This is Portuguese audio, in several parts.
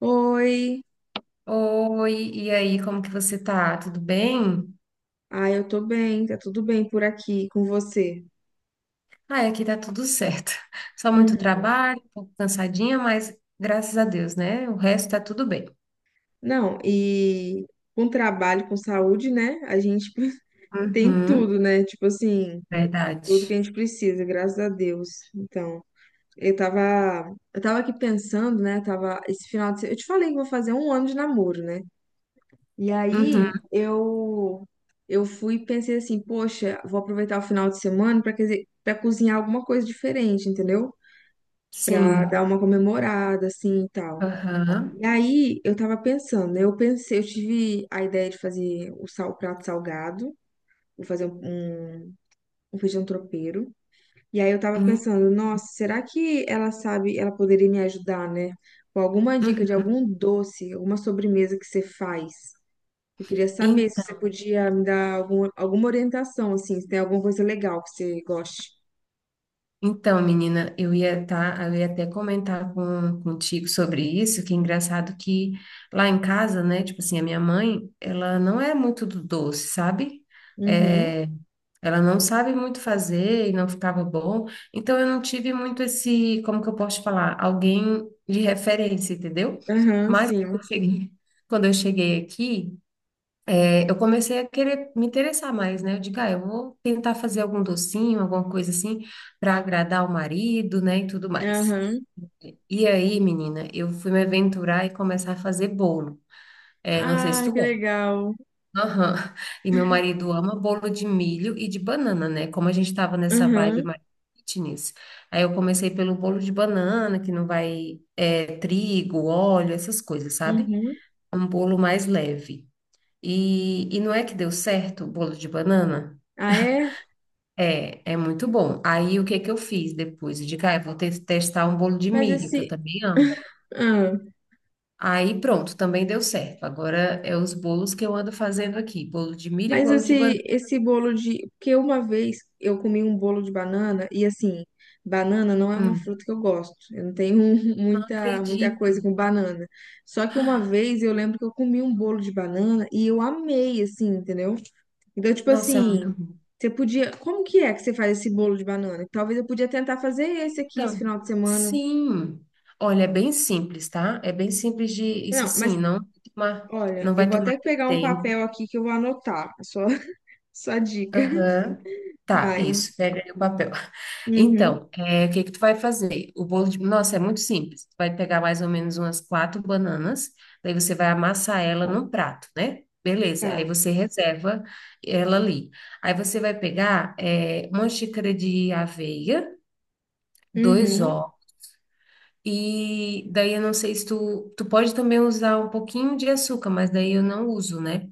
Oi, Oi, e aí, como que você tá? Tudo bem? Eu tô bem, tá tudo bem por aqui com você. Ai, aqui tá tudo certo. Só muito Uhum. trabalho, um pouco cansadinha, mas graças a Deus, né? O resto tá tudo bem. Não, e com trabalho, com saúde, né? A gente tem Uhum, tudo, né? Tipo assim, tudo que verdade. a gente precisa, graças a Deus. Então, eu tava aqui pensando, né? Tava esse final de semana, eu te falei que vou fazer um ano de namoro, né? E Uhum, aí eu fui e pensei assim, poxa, vou aproveitar o final de semana para cozinhar alguma coisa diferente, entendeu? Pra dar sim. uma comemorada, assim, e tal. Aham. E aí, eu tava pensando, né? Eu pensei, eu tive a ideia de fazer o sal, o prato salgado, vou fazer um feijão tropeiro. E aí, eu tava Hum. pensando, nossa, será que ela sabe, ela poderia me ajudar, né? Com alguma dica de Uhum. algum doce, alguma sobremesa que você faz. Eu queria saber se você Então, podia me dar alguma orientação, assim, se tem alguma coisa legal que você goste. então, menina, eu ia até comentar contigo sobre isso, que é engraçado que lá em casa, né, tipo assim, a minha mãe, ela não é muito do doce, sabe? Uhum. É, ela não sabe muito fazer e não ficava bom. Então eu não tive muito esse, como que eu posso falar, alguém de referência, entendeu? Aham, Mas quando sim. eu cheguei quando eu cheguei aqui, eu comecei a querer me interessar mais, né? Eu digo, ah, eu vou tentar fazer algum docinho, alguma coisa assim, para agradar o marido, né, e tudo mais. Aham. E aí, menina, eu fui me aventurar e começar a fazer bolo. Não sei se Ah, tu que gosta. legal. Aham. E meu marido ama bolo de milho e de banana, né? Como a gente estava nessa vibe Uhum, mais fitness. Aí eu comecei pelo bolo de banana, que não vai é, trigo, óleo, essas coisas, sabe? uhum. Um bolo mais leve. E não é que deu certo o bolo de banana? Ah, é? É, é muito bom. Aí o que que eu fiz depois? Eu digo, ah, eu vou testar um bolo de Mas milho, que eu esse. também amo. ah, Aí pronto, também deu certo. Agora é os bolos que eu ando fazendo aqui, bolo de milho e mas bolo de banana. esse bolo de. Porque uma vez eu comi um bolo de banana, e assim, banana não é uma Hum. fruta que eu gosto. Eu não tenho Não muita, muita coisa acredito. com banana. Só que uma vez eu lembro que eu comi um bolo de banana e eu amei, assim, entendeu? Então, tipo Nossa, é muito assim, bom. você podia. Como que é que você faz esse bolo de banana? Talvez eu podia tentar fazer esse aqui esse Então, final de semana. sim. Olha, é bem simples, tá? É bem simples de isso Não, mas assim, tomar, olha, não eu vai vou tomar até teu pegar um tempo. papel aqui que eu vou anotar. Só dica. Aham. Tá, Vai. isso. Pega aí o papel. Uhum. Então, é, o que que tu vai fazer? O bolo de... Nossa, é muito simples. Tu vai pegar mais ou menos umas quatro bananas, daí você vai amassar ela num prato, né? Beleza, Tá. aí você reserva ela ali. Aí você vai pegar é, uma xícara de aveia, dois Uhum. ovos. E daí eu não sei se tu, tu pode também usar um pouquinho de açúcar, mas daí eu não uso, né?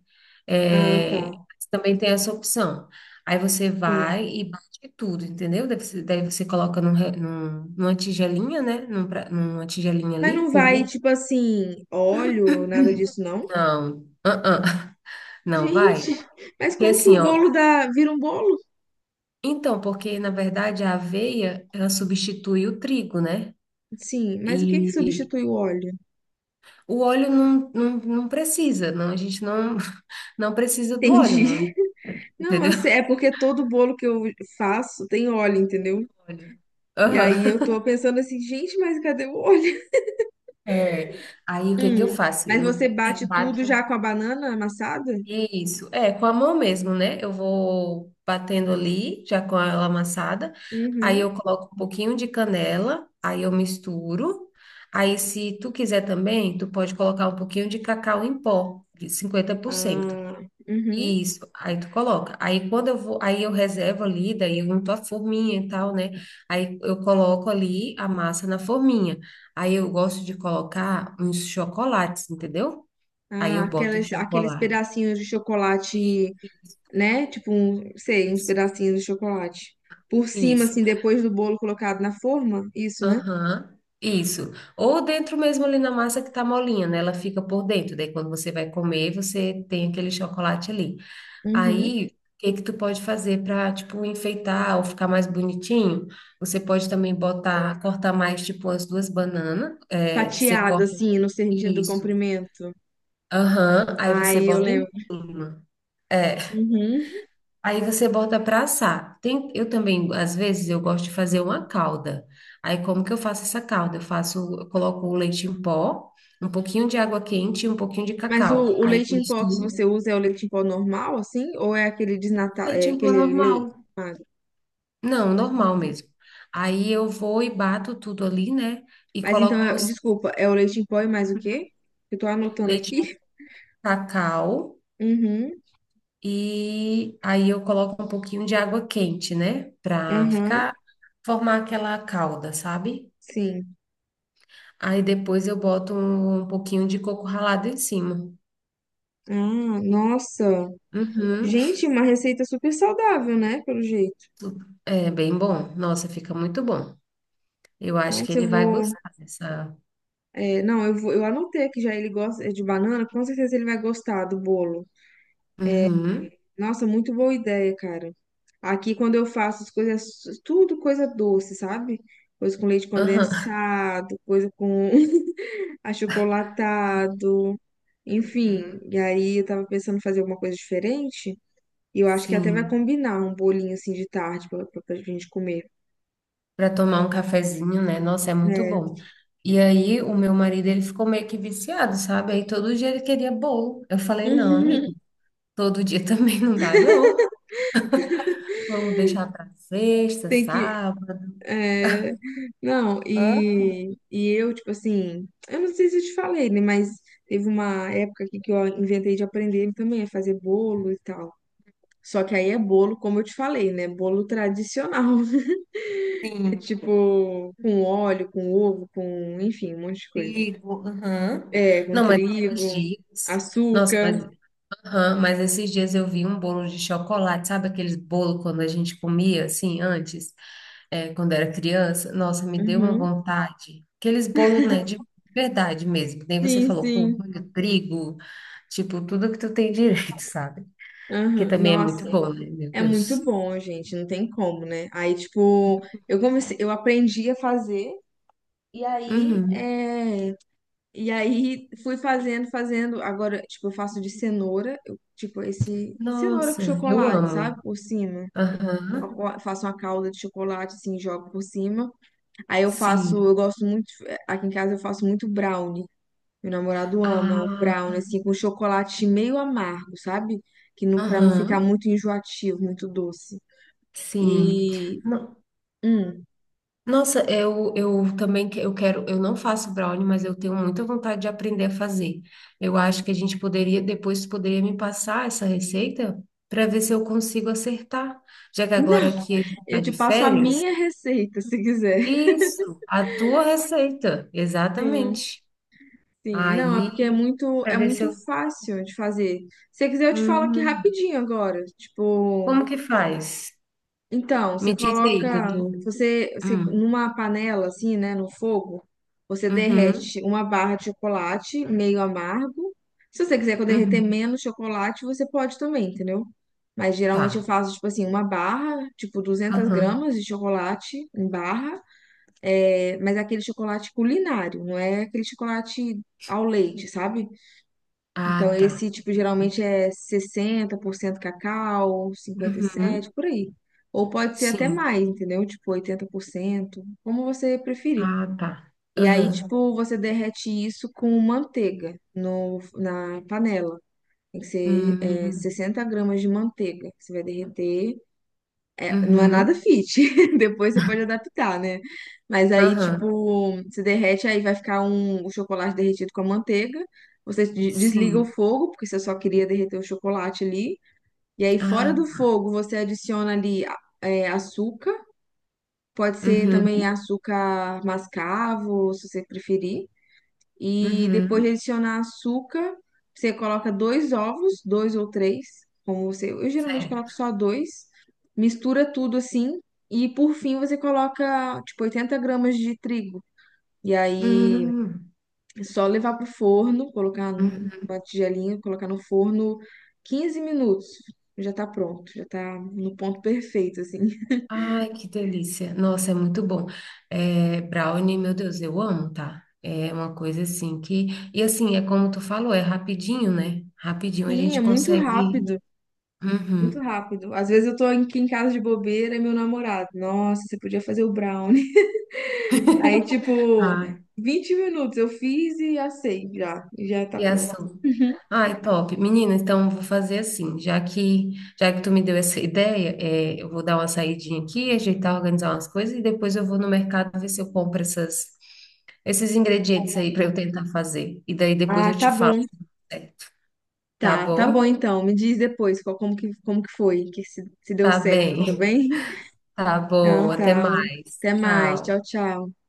Ah, tá. É, também tem essa opção. Aí você Sim. vai e bate tudo, entendeu? Daí você coloca numa tigelinha, né? Numa tigelinha Mas ali, não com vai, bu... tipo assim, óleo, nada disso, não? Não, não vai. Gente, mas Porque como que assim, o ó. bolo dá, vira um bolo? Então, porque na verdade a aveia, ela substitui o trigo, né? Sim, mas o que que E substitui o óleo? o óleo não precisa, não, a gente não. Não precisa do óleo, Entendi. não. Não, Entendeu? eu sei, é porque todo bolo que eu faço tem óleo, entendeu? Óleo. E aí eu Aham. tô pensando assim, gente, mas cadê o óleo? É, aí o que que eu Hum, faço? mas você Eu bate tudo bato. já com a banana amassada? Isso, é, com a mão mesmo, né? Eu vou batendo ali, já com ela amassada. Aí Uhum. eu coloco um pouquinho de canela, aí eu misturo. Aí, se tu quiser também, tu pode colocar um pouquinho de cacau em pó, de 50%. Ah, uhum. Isso, aí tu coloca. Aí quando eu vou, aí eu reservo ali, daí eu unto a forminha e tal, né? Aí eu coloco ali a massa na forminha. Aí eu gosto de colocar uns chocolates, entendeu? Aí Ah, eu boto o aqueles chocolate. pedacinhos de chocolate, Isso, né? Tipo, um, sei, uns isso, pedacinhos de chocolate. Por cima, isso. assim, depois do bolo colocado na forma, isso, né? Aham, isso. Ou dentro mesmo ali na massa que tá molinha, né? Ela fica por dentro. Daí quando você vai comer, você tem aquele chocolate ali. Uhum. Aí, o que que tu pode fazer para, tipo, enfeitar ou ficar mais bonitinho? Você pode também botar, cortar mais, tipo, as duas bananas. É, você Fatiado, corta assim, no sentido do isso. comprimento. Aham. Aí Ai, você eu bota em lembro. cima. É. Uhum. Aí você bota para assar. Tem, eu também, às vezes, eu gosto de fazer uma calda. Aí, como que eu faço essa calda? Eu faço, eu coloco o leite em pó, um pouquinho de água quente e um pouquinho de Mas cacau. o Aí leite eu em pó que misturo. você usa é o leite em pó normal, assim? Ou é aquele desnatado, Leite é em pó aquele leite? normal. Ah, Não, normal mesmo. Aí eu vou e bato tudo ali, né? E mas então, coloco por desculpa, é o leite em pó e mais o quê? Eu tô anotando leite aqui. de cacau. Uhum, E aí eu coloco um pouquinho de água quente, né? Pra aham, ficar, formar aquela calda, sabe? sim. Aí depois eu boto um pouquinho de coco ralado em cima. Ah, nossa. Uhum. Gente, uma receita super saudável, né? Pelo jeito. É bem bom. Nossa, fica muito bom. Eu acho que Nossa, ele eu vai vou. gostar dessa. Não, eu vou, eu anotei que já ele gosta é de banana, com certeza ele vai gostar do bolo. Uhum. Nossa, muito boa ideia, cara. Aqui, quando eu faço as coisas, tudo coisa doce, sabe? Coisa com leite Aham. condensado, coisa com achocolatado, enfim. Aham. E aí, eu tava pensando em fazer alguma coisa diferente. E eu acho que até vai Sim. combinar um bolinho assim de tarde pra gente comer. Para tomar um cafezinho, né? Nossa, é muito Né? bom. E aí, o meu marido, ele ficou meio que viciado, sabe? Aí todo dia ele queria bolo. Eu falei, não, amigo, todo dia também não dá, não. Vamos deixar para sexta, Tem que. sábado. é, Não, Hã? E eu, tipo assim, eu não sei se eu te falei, né? Mas teve uma época aqui que eu inventei de aprender também a fazer bolo e tal. Só que aí é bolo, como eu te falei, né? Bolo tradicional. É Sim, tipo, com óleo, com ovo, com, enfim, um monte de coisa. digo, aham. É, com Não, mas esses trigo, dias. Nossa, açúcar. mas, aham, mas esses dias eu vi um bolo de chocolate, sabe aqueles bolo quando a gente comia assim antes? É, quando era criança, nossa, me deu uma Uhum. vontade. Aqueles bolos, né, de verdade mesmo. Que nem você Sim, falou, com sim. molho, trigo, tipo, tudo que tu tem direito, sabe? Que Aham. também é muito Nossa, bom, né? Meu é muito Deus. bom, gente. Não tem como, né? Aí, tipo, eu comecei, eu aprendi a fazer. E aí, Uhum. E aí fui fazendo. Agora, tipo, eu faço de cenoura, tipo, esse cenoura com Nossa, eu chocolate, amo. sabe? Por cima. Aham, Eu faço uma calda de chocolate, assim, jogo por cima. Aí eu faço, sim. eu gosto muito, aqui em casa eu faço muito brownie. Meu namorado ama o Ah, brownie, assim, com chocolate meio amargo, sabe? Que não, pra não ficar aham, muito enjoativo, muito doce. sim. E. Hum, Nossa, eu também eu quero, eu não faço brownie, mas eu tenho muita vontade de aprender a fazer. Eu acho que a gente poderia, depois tu poderia me passar essa receita para ver se eu consigo acertar, já que agora não, aqui a gente está eu te de passo a férias. minha receita, se quiser. Isso, a tua receita, Sim. exatamente. Sim, não, é porque é Aí, para é ver se muito eu. fácil de fazer. Se você quiser, eu te falo aqui Uhum. rapidinho agora. Tipo, Como que faz? então, Me você diz aí que eu coloca, tô. Você Hum. numa panela assim, né, no fogo, você Uhum. derrete uma barra de chocolate meio amargo. Se você quiser que eu derreter Uhum. menos chocolate, você pode também, entendeu? Mas geralmente eu Tá. faço, tipo assim, uma barra, tipo duzentas Aham. gramas de chocolate em barra, é, mas é aquele chocolate culinário, não é aquele chocolate ao leite, sabe? Então, Ah, tá. esse tipo geralmente é 60% cacau, 57 Uhum. por aí. Ou pode ser até Sim. mais, entendeu? Tipo, 80% como você preferir. Ah, tá. E aí, Aham. tipo, você derrete isso com manteiga no, na panela. Tem que ser, Hum. 60 gramas de manteiga. Você vai derreter não é nada Uhum. fit. Depois você pode adaptar, né? Mas aí, Aham. tipo, se derrete, aí vai ficar um, o chocolate derretido com a manteiga. Você desliga o Sim. fogo, porque você só queria derreter o chocolate ali. E aí, Ah, fora do tá. fogo, você adiciona ali açúcar. Pode ser Uhum. também açúcar mascavo, se você preferir. E depois de Uhum. adicionar açúcar, você coloca dois ovos, dois ou três, como você. Eu geralmente coloco Certo. só dois, mistura tudo assim, e por fim você coloca tipo 80 gramas de trigo. E aí Hum, é só levar pro forno, colocar uhum. numa tigelinha, colocar no forno 15 minutos. Já tá pronto, já tá no ponto perfeito, assim. Ai, que delícia. Nossa, é muito bom. É, brownie, meu Deus, eu amo, tá? É uma coisa assim que. E assim, é como tu falou, é rapidinho, né? Rapidinho a Sim, é gente muito consegue. rápido. Muito Uhum. rápido. Às vezes eu tô aqui em casa de bobeira e meu namorado, nossa, você podia fazer o brown. Aí, tipo, Ai, 20 minutos eu fiz e assei já. E já tá e pronto. açúcar. Uhum. Ai, top. Menina, então vou fazer assim, já que tu me deu essa ideia, é, eu vou dar uma saidinha aqui, ajeitar, organizar umas coisas e depois eu vou no mercado ver se eu compro esses ingredientes aí para eu tentar fazer. E daí depois eu Ah, te tá falo, bom. se deu certo. Tá Tá, tá bom bom? então. Me diz depois qual, como que foi, que se deu Tá certo, tá bem. bem? Tá bom. Então Até tá. Um, mais. até mais. Tchau, Tchau. tchau.